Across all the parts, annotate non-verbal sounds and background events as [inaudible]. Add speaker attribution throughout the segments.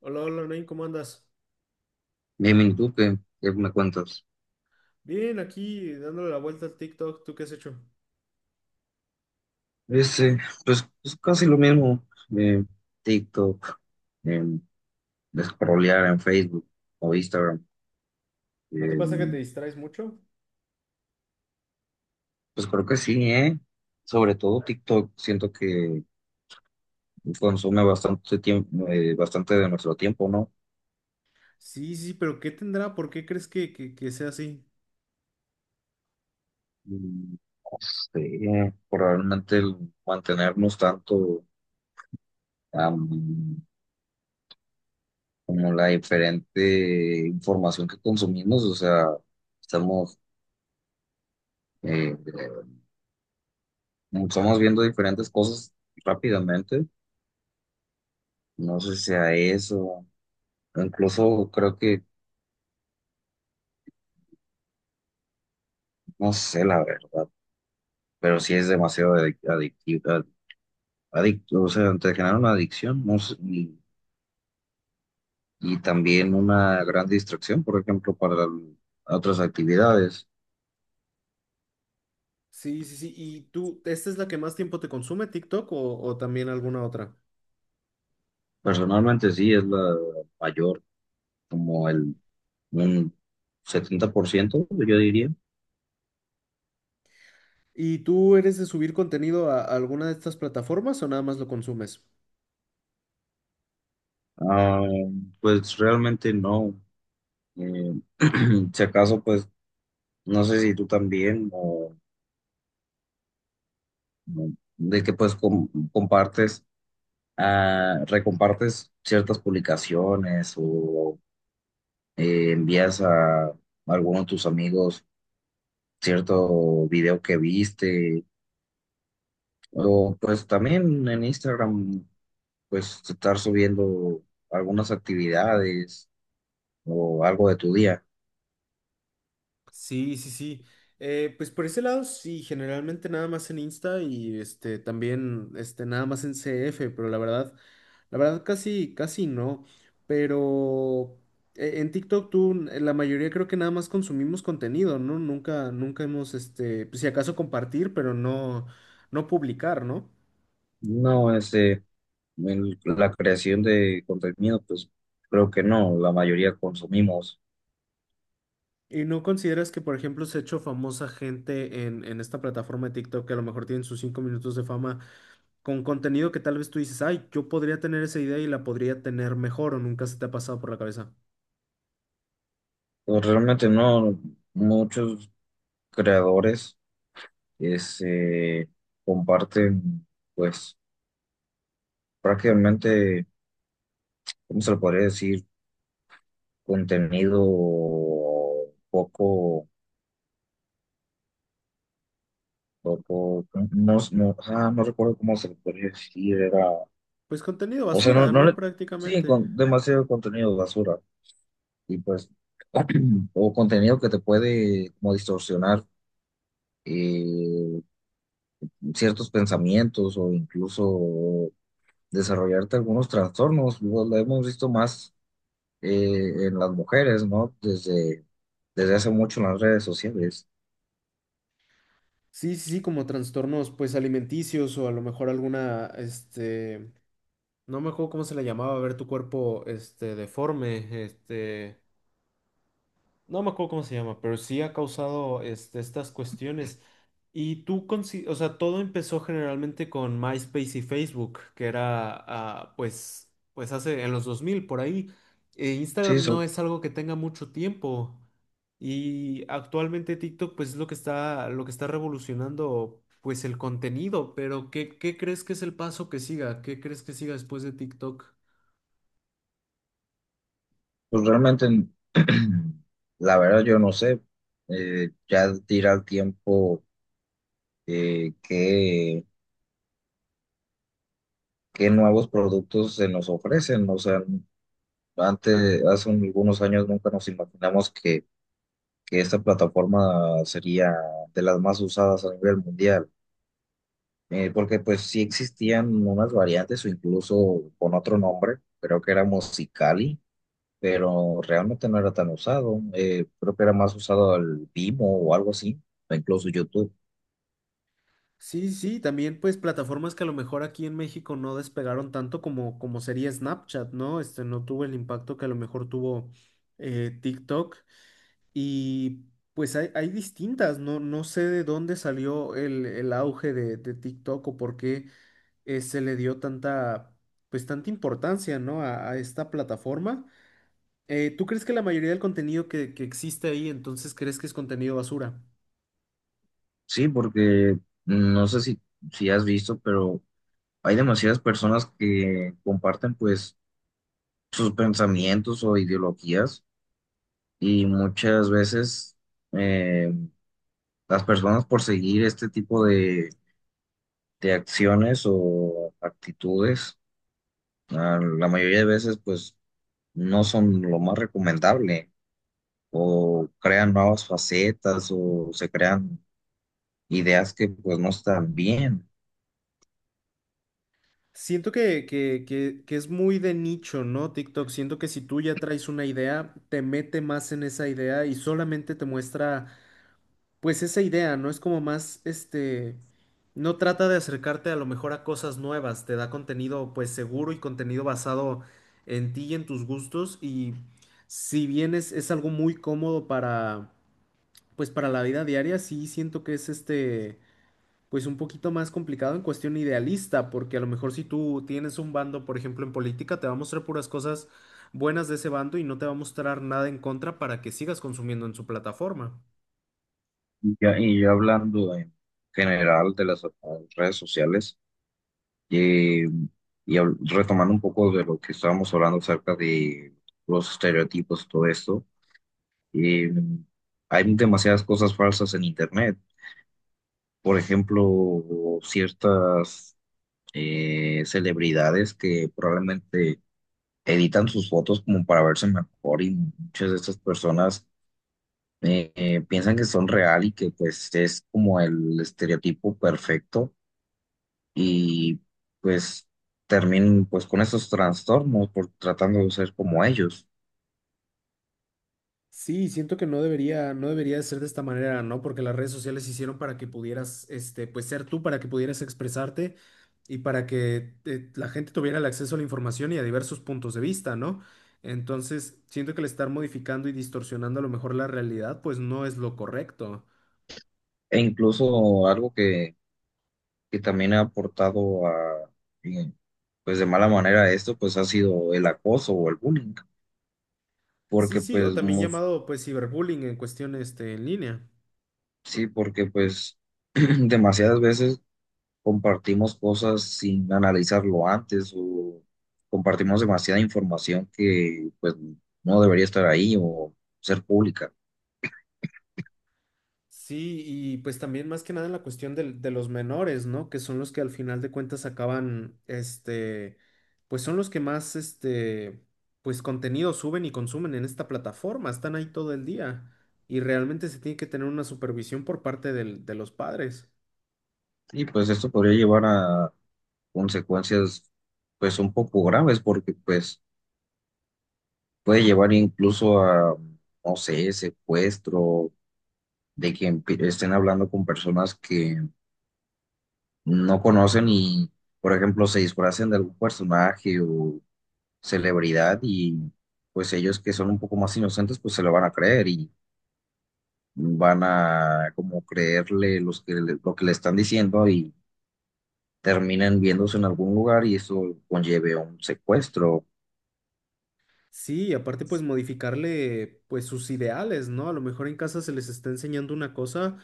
Speaker 1: Hola, hola, Nain, ¿cómo andas?
Speaker 2: Bien, ¿y tú qué, me cuentas?
Speaker 1: Bien, aquí dándole la vuelta al TikTok, ¿tú qué has hecho?
Speaker 2: Ese, pues casi lo mismo. eh, TikTok, em, scrollear en Facebook o Instagram.
Speaker 1: ¿No te pasa que te
Speaker 2: em,
Speaker 1: distraes mucho?
Speaker 2: pues creo que sí, ¿eh? Sobre todo TikTok, siento que consume bastante tiempo, bastante de nuestro tiempo, ¿no?
Speaker 1: Sí, sí, pero ¿qué tendrá? ¿Por qué crees que sea así?
Speaker 2: Mm, No sé, probablemente el mantenernos tanto, am, como la diferente información que consumimos. O sea, estamos... eh, estamos viendo diferentes cosas rápidamente. No sé si sea eso. O incluso creo que, no sé la verdad, pero sí es demasiado adictivo. Adicto, o sea, te genera una adicción, no sé, y también una gran distracción, por ejemplo, para otras actividades.
Speaker 1: Sí, sí, sí. Y tú, ¿esta es la que más tiempo te consume, TikTok, o también alguna otra?
Speaker 2: Personalmente sí es la mayor, como el un 70%, yo diría.
Speaker 1: ¿Y tú eres de subir contenido a alguna de estas plataformas o nada más lo consumes?
Speaker 2: Ah, pues realmente no. Eh, [clears throat] si acaso, pues no sé si tú también, o de que pues compartes, ah, recompartes ciertas publicaciones o envías a alguno de tus amigos cierto video que viste, o pues también en Instagram pues estar subiendo algunas actividades o algo de tu día.
Speaker 1: Sí, sí, sí. Pues por ese lado, sí, generalmente nada más en Insta y este también este nada más en CF. Pero la verdad casi, casi no. Pero en TikTok tú, la mayoría creo que nada más consumimos contenido, ¿no? Nunca, nunca hemos, este, pues, si acaso compartir, pero no, no publicar, ¿no?
Speaker 2: No, este, la creación de contenido pues creo que no, la mayoría consumimos.
Speaker 1: ¿Y no consideras que, por ejemplo, se ha hecho famosa gente en esta plataforma de TikTok que a lo mejor tienen sus 5 minutos de fama, con contenido que tal vez tú dices, ay, yo podría tener esa idea y la podría tener mejor? ¿O nunca se te ha pasado por la cabeza?
Speaker 2: Pues realmente no, muchos creadores, este, comparten, pues prácticamente, ¿cómo se le podría decir? Contenido poco, poco, no recuerdo cómo se le podría decir, era,
Speaker 1: Pues contenido
Speaker 2: o sea, no,
Speaker 1: basura,
Speaker 2: no
Speaker 1: ¿no?
Speaker 2: le, sí,
Speaker 1: Prácticamente.
Speaker 2: con demasiado contenido basura, y pues, [clears throat] o contenido que te puede como distorsionar, eh, ciertos pensamientos o incluso desarrollarte algunos trastornos. Lo hemos visto más, en las mujeres, ¿no? Desde hace mucho en las redes sociales.
Speaker 1: Sí, sí, sí, como trastornos, pues alimenticios o a lo mejor alguna, este, no me acuerdo cómo se le llamaba, ver tu cuerpo, este, deforme, este, no me acuerdo cómo se llama, pero sí ha causado este, estas cuestiones. Y tú, consi- o sea, todo empezó generalmente con MySpace y Facebook, que era, ah, pues, pues hace en los 2000 por ahí.
Speaker 2: Sí,
Speaker 1: Instagram no es algo que tenga mucho tiempo. Y actualmente TikTok, pues, es lo que está revolucionando, pues, el contenido. Pero ¿qué, qué crees que es el paso que siga? ¿Qué crees que siga después de TikTok?
Speaker 2: pues realmente, [clears throat] la verdad yo no sé, ya dirá el tiempo eh, qué, qué nuevos productos se nos ofrecen. O sea, antes, hace algunos años nunca nos imaginamos que esta plataforma sería de las más usadas a nivel mundial. Porque pues sí existían unas variantes o incluso con otro nombre, creo que era Musicali, pero realmente no era tan usado. Creo que era más usado el Vimo o algo así, o incluso YouTube.
Speaker 1: Sí, sí, también pues plataformas que a lo mejor aquí en México no despegaron tanto como, como sería Snapchat, ¿no? Este no tuvo el impacto que a lo mejor tuvo TikTok y pues hay distintas, no, no sé de dónde salió el auge de TikTok o por qué se le dio tanta, pues tanta importancia, ¿no?, a esta plataforma. ¿Tú crees que la mayoría del contenido que existe ahí entonces crees que es contenido basura?
Speaker 2: Sí, porque no sé si, si has visto, pero hay demasiadas personas que comparten pues sus pensamientos o ideologías, y muchas veces eh, las personas por seguir este tipo de acciones o actitudes, ah, la mayoría de veces, pues, no son lo más recomendable, o crean nuevas facetas, o se crean ideas que, pues, no están bien.
Speaker 1: Siento que es muy de nicho, ¿no? TikTok. Siento que si tú ya traes una idea, te mete más en esa idea y solamente te muestra, pues, esa idea, ¿no? Es como más, este, no trata de acercarte a lo mejor a cosas nuevas, te da contenido, pues, seguro y contenido basado en ti y en tus gustos. Y si bien es algo muy cómodo para, pues, para la vida diaria, sí siento que es este pues un poquito más complicado en cuestión idealista, porque a lo mejor si tú tienes un bando, por ejemplo, en política, te va a mostrar puras cosas buenas de ese bando y no te va a mostrar nada en contra para que sigas consumiendo en su plataforma.
Speaker 2: Y ya hablando en general de las, redes sociales, eh, retomando un poco de lo que estábamos hablando acerca de los estereotipos y todo esto, eh, hay demasiadas cosas falsas en Internet. Por ejemplo, ciertas, celebridades que probablemente editan sus fotos como para verse mejor, y muchas de estas personas piensan que son real y que pues es como el estereotipo perfecto, y pues terminan pues con esos trastornos por tratando de ser como ellos.
Speaker 1: Sí, siento que no debería, no debería de ser de esta manera, ¿no? Porque las redes sociales se hicieron para que pudieras, este, pues ser tú, para que pudieras expresarte y para que la gente tuviera el acceso a la información y a diversos puntos de vista, ¿no? Entonces, siento que el estar modificando y distorsionando a lo mejor la realidad, pues no es lo correcto.
Speaker 2: E incluso algo que también ha aportado a, eh, pues de mala manera a esto, pues ha sido el acoso o el bullying,
Speaker 1: Sí,
Speaker 2: porque
Speaker 1: sí, o
Speaker 2: pues
Speaker 1: también llamado pues ciberbullying en cuestión este, en línea.
Speaker 2: sí, porque pues [clears throat] demasiadas veces compartimos cosas sin analizarlo antes, o compartimos demasiada información que pues no debería estar ahí o ser pública.
Speaker 1: Sí, y pues también más que nada en la cuestión del- de, los menores, ¿no? Que son los que al final de cuentas acaban, este, pues son los que más, este, pues contenido suben y consumen en esta plataforma, están ahí todo el día y realmente se tiene que tener una supervisión por parte del- de los padres.
Speaker 2: Y pues esto podría llevar a consecuencias pues un poco graves, porque pues puede llevar incluso a, no sé, secuestro, de que estén hablando con personas que no conocen y, por ejemplo, se disfracen de algún personaje o celebridad, y pues ellos que son un poco más inocentes pues se lo van a creer, y van a como creerle los que lo que le están diciendo, y terminan viéndose en algún lugar y eso conlleve a un secuestro.
Speaker 1: Sí, y aparte pues modificarle pues sus ideales, ¿no? A lo mejor en casa se les está enseñando una cosa,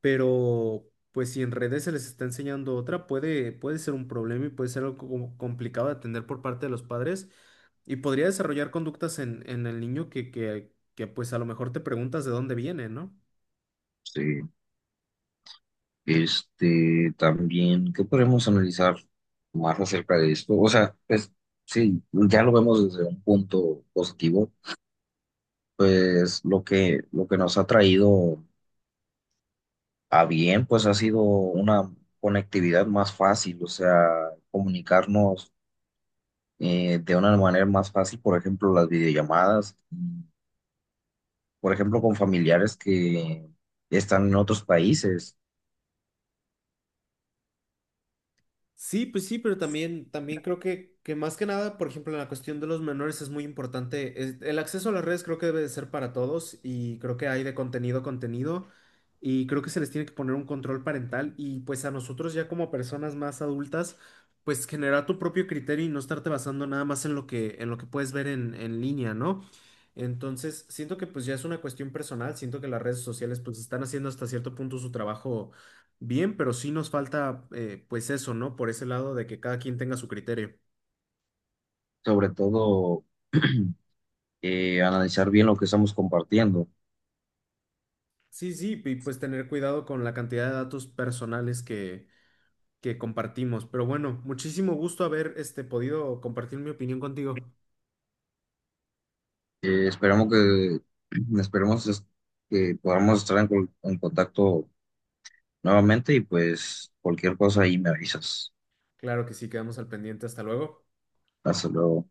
Speaker 1: pero pues si en redes se les está enseñando otra, puede, puede ser un problema y puede ser algo como complicado de atender por parte de los padres y podría desarrollar conductas en el niño que pues a lo mejor te preguntas de dónde viene, ¿no?
Speaker 2: Sí. Este, también, ¿qué podemos analizar más acerca de esto? O sea, pues sí, ya lo vemos desde un punto positivo. Pues lo que nos ha traído, ah, bien, pues ha sido una conectividad más fácil, o sea, comunicarnos, de una manera más fácil, por ejemplo, las videollamadas, y, por ejemplo, con familiares que están en otros países.
Speaker 1: Sí, pues sí, pero también, también creo que más que nada, por ejemplo, en la cuestión de los menores es muy importante. Es- el acceso a las redes creo que debe de ser para todos y creo que hay de contenido a contenido y creo que se les tiene que poner un control parental y pues a nosotros ya como personas más adultas, pues generar tu propio criterio y no estarte basando nada más en lo que puedes ver en línea, ¿no? Entonces, siento que pues ya es una cuestión personal, siento que las redes sociales pues están haciendo hasta cierto punto su trabajo bien, pero sí nos falta, pues eso, ¿no? Por ese lado de que cada quien tenga su criterio.
Speaker 2: Sobre todo [clears throat] analizar bien lo que estamos compartiendo.
Speaker 1: Sí, sí, y pues tener cuidado con la cantidad de datos personales que compartimos. Pero bueno, muchísimo gusto haber este, podido compartir mi opinión contigo.
Speaker 2: Esperemos que, [clears throat] esperemos es- que podamos estar en, en contacto nuevamente, y pues cualquier cosa ahí me avisas.
Speaker 1: Claro que sí, quedamos al pendiente. Hasta luego.
Speaker 2: Hasta luego.